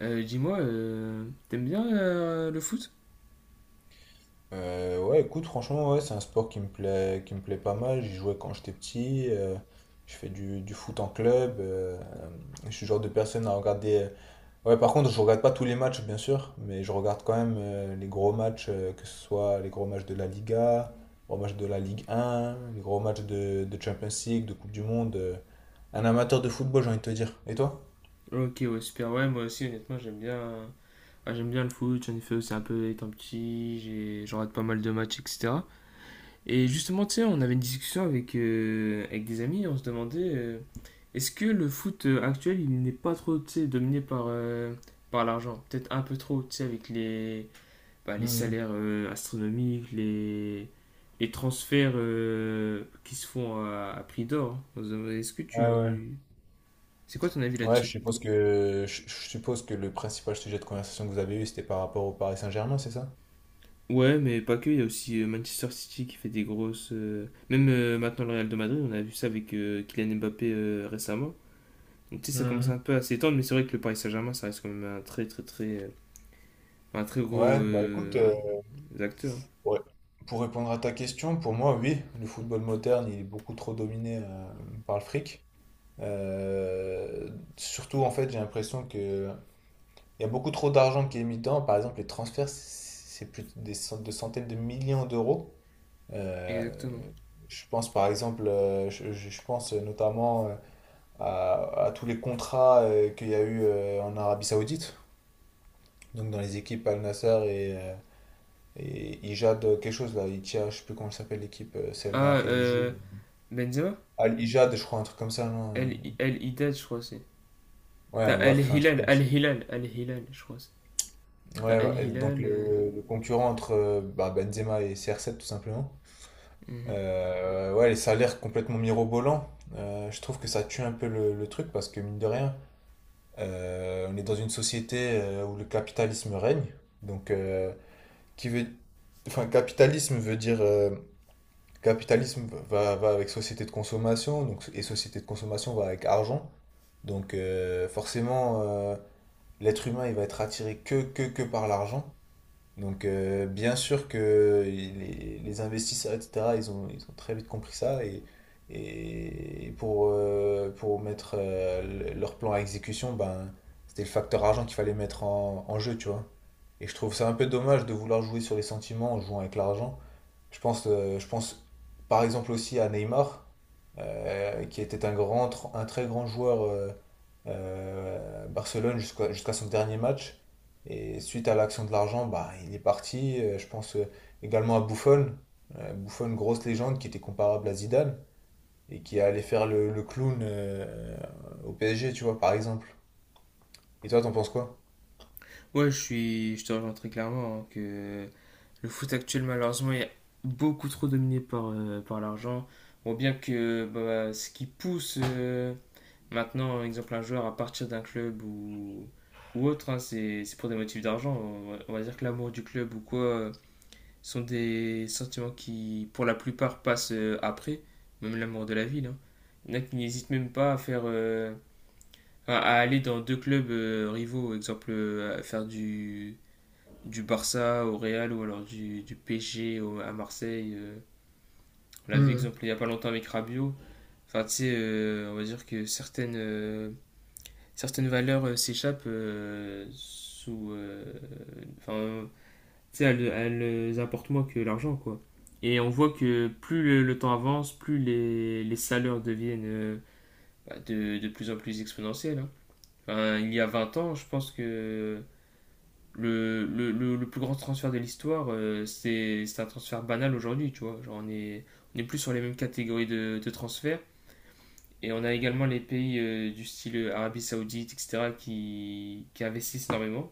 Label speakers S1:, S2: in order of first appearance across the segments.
S1: Dis-moi, t'aimes bien le foot?
S2: Ouais, écoute, franchement, ouais, c'est un sport qui me plaît pas mal. J'y jouais quand j'étais petit. Je fais du foot en club. Je suis le genre de personne à regarder. Ouais, par contre, je regarde pas tous les matchs, bien sûr, mais je regarde quand même les gros matchs, que ce soit les gros matchs de la Liga, les gros matchs de la Ligue 1, les gros matchs de Champions League, de Coupe du Monde. Un amateur de football, j'ai envie de te dire. Et toi?
S1: Ok, ouais, super. Ouais, moi aussi, honnêtement, j'aime bien. Ouais, j'aime bien le foot. J'en ai fait aussi un peu étant petit. J'en rate pas mal de matchs, etc. Et justement, tu sais, on avait une discussion avec des amis. On se demandait, est-ce que le foot actuel, il n'est pas trop, tu sais, dominé par l'argent? Peut-être un peu trop, tu sais, avec les
S2: Mhm.
S1: salaires astronomiques, les transferts qui se font à prix d'or. Est-ce que
S2: Ouais, ouais.
S1: tu... C'est quoi ton avis
S2: Ouais, je
S1: là-dessus?
S2: suppose que je je suppose que le principal sujet de conversation que vous avez eu, c'était par rapport au Paris Saint-Germain, c'est ça?
S1: Ouais, mais pas que, il y a aussi Manchester City qui fait des grosses... Même maintenant le Real de Madrid, on a vu ça avec Kylian Mbappé récemment. Donc tu sais, ça commence un
S2: Mhm.
S1: peu à s'étendre, mais c'est vrai que le Paris Saint-Germain, ça reste quand même un très très très... un très gros
S2: Ouais, bah écoute,
S1: acteur.
S2: ouais. Pour répondre à ta question, pour moi, oui, le football moderne, il est beaucoup trop dominé par le fric. Euh, Surtout, en fait, j'ai l'impression que il y a beaucoup trop d'argent qui est mis dedans. Par exemple, les transferts, c'est plus de centaines de millions d'euros. Euh,
S1: Exactement.
S2: je pense, par exemple, je pense notamment à tous les contrats qu'il y a eu en Arabie Saoudite. Donc dans les équipes Al Nassr et Ijad, quelque chose là, Itia, je sais plus comment s'appelle l'équipe, celle dans
S1: Ah,
S2: laquelle il joue.
S1: Benzema?
S2: Al Ijad, je crois, un truc comme ça, non?
S1: El Haddad, je crois c'est. T'as
S2: Ouais,
S1: Al
S2: bref, un truc
S1: Hilal,
S2: comme
S1: Al
S2: ça.
S1: Hilal, Al Hilal, je crois. T'as
S2: Ouais,
S1: Al
S2: ouais, et donc
S1: Hilal.
S2: le concurrent entre bah, Benzema et CR7 tout simplement.
S1: Mhm.
S2: Ouais, les salaires complètement mirobolants. Je trouve que ça tue un peu le truc parce que mine de rien, on est dans une société où le capitalisme règne. Donc, qui veut, enfin, capitalisme veut dire capitalisme va avec société de consommation, donc et société de consommation va avec argent. Donc forcément, l'être humain il va être attiré que par l'argent. Donc bien sûr que les investisseurs, etc., ils ont très vite compris ça et pour mettre leur plan à exécution, ben, c'était le facteur argent qu'il fallait mettre en jeu, tu vois. Et je trouve ça un peu dommage de vouloir jouer sur les sentiments en jouant avec l'argent. Je pense par exemple aussi à Neymar, qui était un grand, un très grand joueur à Barcelone jusqu'à son dernier match. Et suite à l'action de l'argent, bah, il est parti. Je pense également à Buffon. Buffon, grosse légende qui était comparable à Zidane et qui allait faire le clown au PSG, tu vois, par exemple. Et toi, t'en penses quoi?
S1: Ouais, je te rejoins très clairement, hein, que le foot actuel malheureusement est beaucoup trop dominé par l'argent. Bon, bien que ce qui pousse maintenant, exemple un joueur à partir d'un club ou autre, hein, c'est pour des motifs d'argent. On va dire que l'amour du club ou quoi sont des sentiments qui, pour la plupart, passent après, même l'amour de la ville, hein. Il y en a qui n'hésitent même pas à faire à aller dans deux clubs rivaux, exemple à faire du Barça au Real ou alors du PSG à Marseille. On l'a vu exemple il n'y a pas longtemps avec Rabiot. Enfin, tu sais, on va dire que certaines valeurs s'échappent sous... Enfin, tu sais, elles apportent moins que l'argent, quoi. Et on voit que plus le temps avance, plus les salaires deviennent de plus en plus exponentiels, hein. Enfin, il y a 20 ans, je pense que le plus grand transfert de l'histoire, c'est un transfert banal aujourd'hui, tu vois. Genre, on est plus sur les mêmes catégories de transferts. Et on a également les pays du style Arabie Saoudite, etc., qui investissent énormément,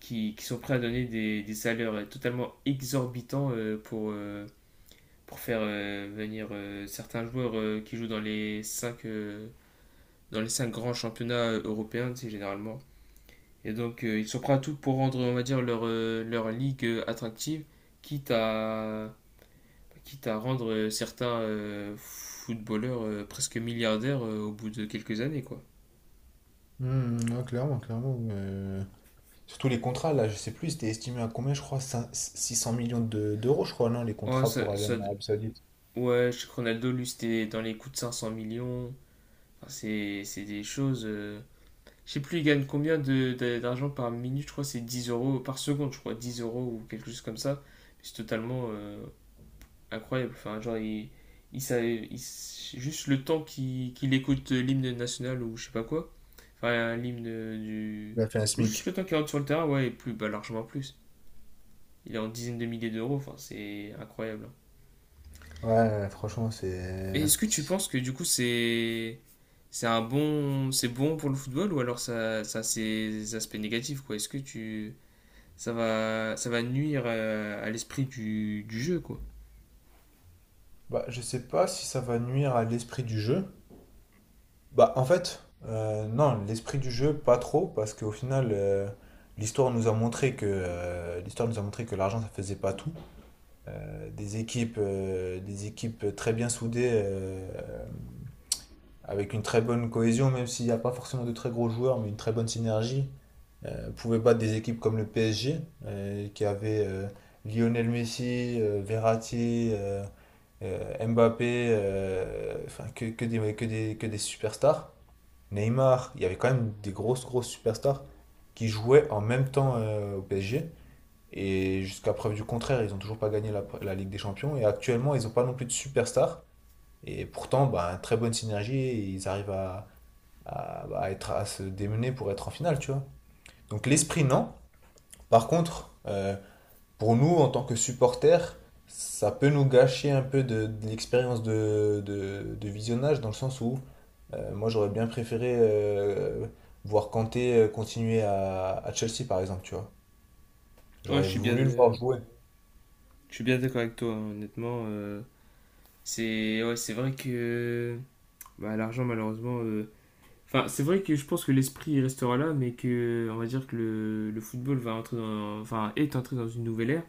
S1: qui sont prêts à donner des salaires totalement exorbitants pour faire venir certains joueurs qui jouent dans les cinq grands championnats européens, tu sais, généralement. Et donc, ils sont prêts à tout pour rendre, on va dire, leur ligue attractive, quitte à, quitte à rendre certains footballeurs presque milliardaires au bout de quelques années, quoi.
S2: Hmm, ouais, clairement, clairement. Surtout les contrats, là, je sais plus, c'était estimé à combien, je crois, 600 millions d'euros, je crois, non, les
S1: Ouais,
S2: contrats pour
S1: ça,
S2: aller
S1: ça-
S2: en Arabie Saoudite.
S1: ouais, je sais que Ronaldo, lui, c'était dans les coups de 500 millions. Enfin, c'est des choses... Je sais plus, il gagne combien d'argent par minute, je crois, que c'est 10 € par seconde, je crois, 10 € ou quelque chose comme ça. C'est totalement... incroyable. Enfin, genre, juste le temps qu'il écoute l'hymne national ou je sais pas quoi. Enfin, l'hymne du.
S2: Il a fait un
S1: Ou juste
S2: SMIC.
S1: le temps qu'il rentre sur le terrain, ouais, et plus, largement plus. Il est en dizaines de milliers d'euros, enfin, c'est incroyable, hein.
S2: Ouais, franchement, c'est.
S1: Et est-ce que tu penses que du coup, c'est bon pour le football ou alors ça a ses aspects négatifs, quoi. Est-ce que tu, ça va nuire à l'esprit du jeu, quoi.
S2: Bah, je sais pas si ça va nuire à l'esprit du jeu. Bah, en fait, non, l'esprit du jeu, pas trop, parce qu'au final, l'histoire nous a montré que l'argent, ça faisait pas tout. Des équipes très bien soudées avec une très bonne cohésion, même s'il n'y a pas forcément de très gros joueurs, mais une très bonne synergie, pouvait battre des équipes comme le PSG, qui avait Lionel Messi, Verratti, Mbappé, enfin que des superstars. Neymar, il y avait quand même des grosses, grosses superstars qui jouaient en même temps au PSG. Et jusqu'à preuve du contraire, ils n'ont toujours pas gagné la Ligue des Champions. Et actuellement, ils n'ont pas non plus de superstars et pourtant, bah, très bonne synergie, et ils arrivent à, bah, être, à se démener pour être en finale, tu vois. Donc l'esprit, non. Par contre, pour nous, en tant que supporters, ça peut nous gâcher un peu de l'expérience de visionnage, dans le sens où moi, j'aurais bien préféré voir Kanté continuer à Chelsea, par exemple, tu vois.
S1: Ouais,
S2: J'aurais voulu le voir jouer.
S1: je suis bien d'accord avec toi, hein, honnêtement. C'est ouais, c'est vrai que l'argent, malheureusement. Enfin, c'est vrai que je pense que l'esprit restera là, mais que on va dire que le football enfin, est entré dans une nouvelle ère.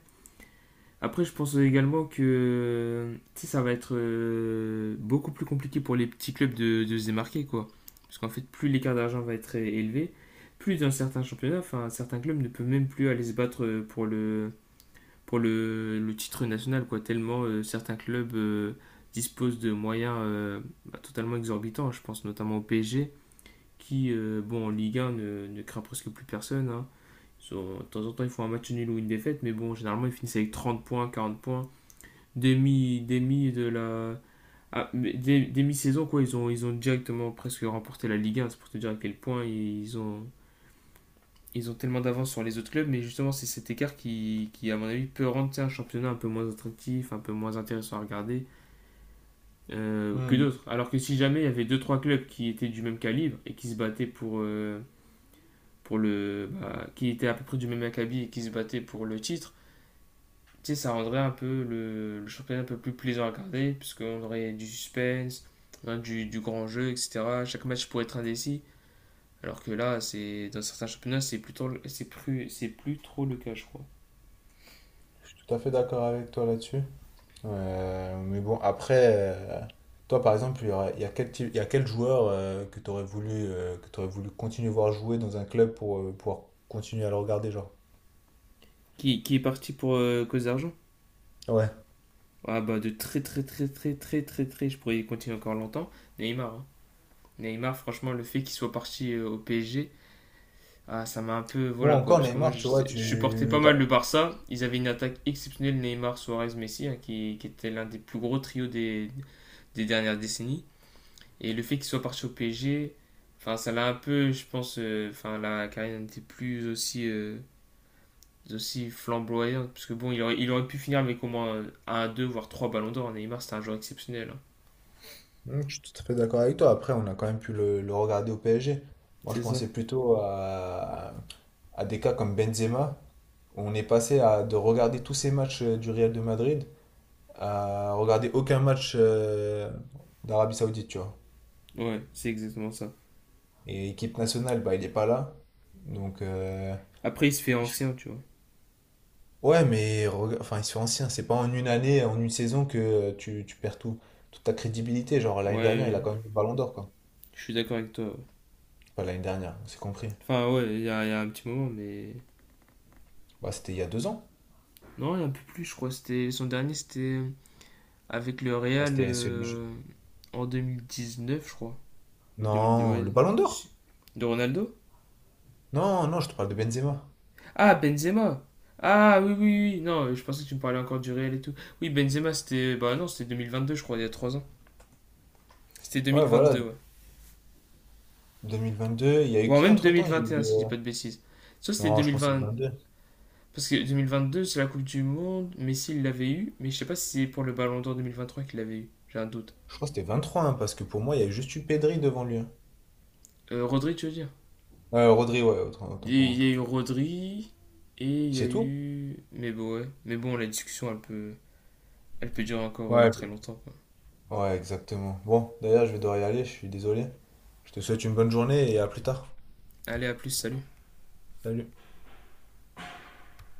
S1: Après, je pense également que tu sais, ça va être beaucoup plus compliqué pour les petits clubs de se démarquer, quoi. Parce qu'en fait, plus l'écart d'argent va être élevé, plus dans certains championnats, enfin, certains clubs ne peuvent même plus aller se battre pour le titre national, quoi, tellement certains clubs disposent de moyens totalement exorbitants. Je pense notamment au PSG, qui, bon, en Ligue 1, ne craint presque plus personne, hein. De temps en temps, ils font un match nul ou une défaite, mais bon, généralement, ils finissent avec 30 points, 40 points. Demi, demi de la. ah, Demi-saison, quoi, ils ont directement presque remporté la Ligue 1. C'est pour te dire à quel point ils ont tellement d'avance sur les autres clubs, mais justement, c'est cet écart qui, à mon avis, peut rendre un championnat un peu moins attractif, un peu moins intéressant à regarder que
S2: Hmm,
S1: d'autres. Alors que si jamais il y avait deux trois clubs qui étaient du même calibre et qui se battaient pour le. Bah, qui étaient à peu près du même acabit et qui se battaient pour le titre, tu sais, ça rendrait un peu championnat un peu plus plaisant à regarder, puisqu'on aurait du suspense, hein, du grand jeu, etc. Chaque match pourrait être indécis. Alors que là, c'est dans certains championnats, c'est plus trop le cas, je crois.
S2: tout à fait d'accord avec toi là-dessus. Mais bon, après, toi par exemple, il y a quel joueur que tu aurais voulu, que tu voulu continuer à voir jouer dans un club pour pouvoir continuer à le regarder, genre?
S1: Qui est parti pour cause d'argent.
S2: Ouais.
S1: Ah bah de très très très très très très très, je pourrais y continuer encore longtemps. Neymar, hein. Neymar, franchement, le fait qu'il soit parti au PSG, ah, ça m'a un peu,
S2: Ou
S1: voilà quoi,
S2: encore
S1: parce que moi
S2: Neymar, tu vois,
S1: je supportais pas mal le Barça. Ils avaient une attaque exceptionnelle, Neymar, Suarez, Messi, hein, qui était l'un des plus gros trios des dernières décennies. Et le fait qu'il soit parti au PSG, enfin ça l'a un peu, je pense, enfin la carrière n'était plus aussi aussi flamboyant, parce que bon, il aurait pu finir avec au moins un, deux, voire trois ballons d'or. Neymar, c'était un joueur exceptionnel, hein.
S2: Hmm, je suis tout à fait d'accord avec toi. Après, on a quand même pu le regarder au PSG. Moi, je
S1: C'est ça.
S2: pensais plutôt à des cas comme Benzema. Où on est passé à, de regarder tous ces matchs du Real de Madrid à regarder aucun match d'Arabie Saoudite, tu vois.
S1: Ouais, c'est exactement ça.
S2: Et équipe nationale, bah, il est pas là. Donc,
S1: Après, il se fait
S2: je-
S1: ancien, tu vois.
S2: ouais, mais enfin, ils sont anciens. C'est pas en une année, en une saison que tu perds tout, toute ta crédibilité. Genre, l'année dernière, il a
S1: Ouais,
S2: quand même eu le ballon d'or, quoi.
S1: je suis d'accord avec toi. Ouais.
S2: Pas l'année dernière, on s'est compris.
S1: Enfin, ouais, il y, a y a un petit moment, mais.
S2: Bah, c'était il y a 2 ans.
S1: Non, il y a un peu plus, je crois. C'était avec le
S2: Bah,
S1: Real
S2: c'était celui.
S1: en 2019, je crois. Ou 2010,
S2: Non,
S1: ouais.
S2: le ballon d'or?
S1: Si, de Ronaldo.
S2: Non, non, je te parle de Benzema.
S1: Ah, Benzema. Ah, oui, oui, oui. Non, je pensais que tu me parlais encore du Real et tout. Oui. Benzema, c'était. Bah non, c'était deux mille vingt deux, je crois, il y a 3 ans. C'était
S2: Ouais, voilà,
S1: 2022, ouais.
S2: 2022. Il y a
S1: Ou
S2: eu
S1: alors
S2: qui
S1: même deux
S2: entre-temps?
S1: mille
S2: Il y a
S1: vingt et un,
S2: eu.
S1: si je dis pas de bêtises. Soit c'était
S2: Non,
S1: deux
S2: je
S1: mille
S2: pense que c'est
S1: vingt.
S2: 22.
S1: Parce que deux mille vingt deux, c'est la Coupe du Monde. Messi, il l'avait eu. Mais je sais pas si c'est pour le Ballon d'Or 2023 qu'il l'avait eu. J'ai un doute.
S2: Je crois que c'était 23, hein, parce que pour moi, il y a juste eu Pedri devant lui. Hein.
S1: Rodri, tu veux dire?
S2: Rodri, ouais, autant pour
S1: Il y
S2: moi.
S1: a eu Rodri. Et il y a
S2: C'est tout?
S1: eu. Mais bon, ouais. Mais bon, la discussion, elle peut durer encore
S2: Ouais,
S1: très longtemps, quoi.
S2: ouais, exactement. Bon, d'ailleurs, je vais devoir y aller, je suis désolé. Je te souhaite une bonne journée et à plus tard.
S1: Allez, à plus, salut.
S2: Salut.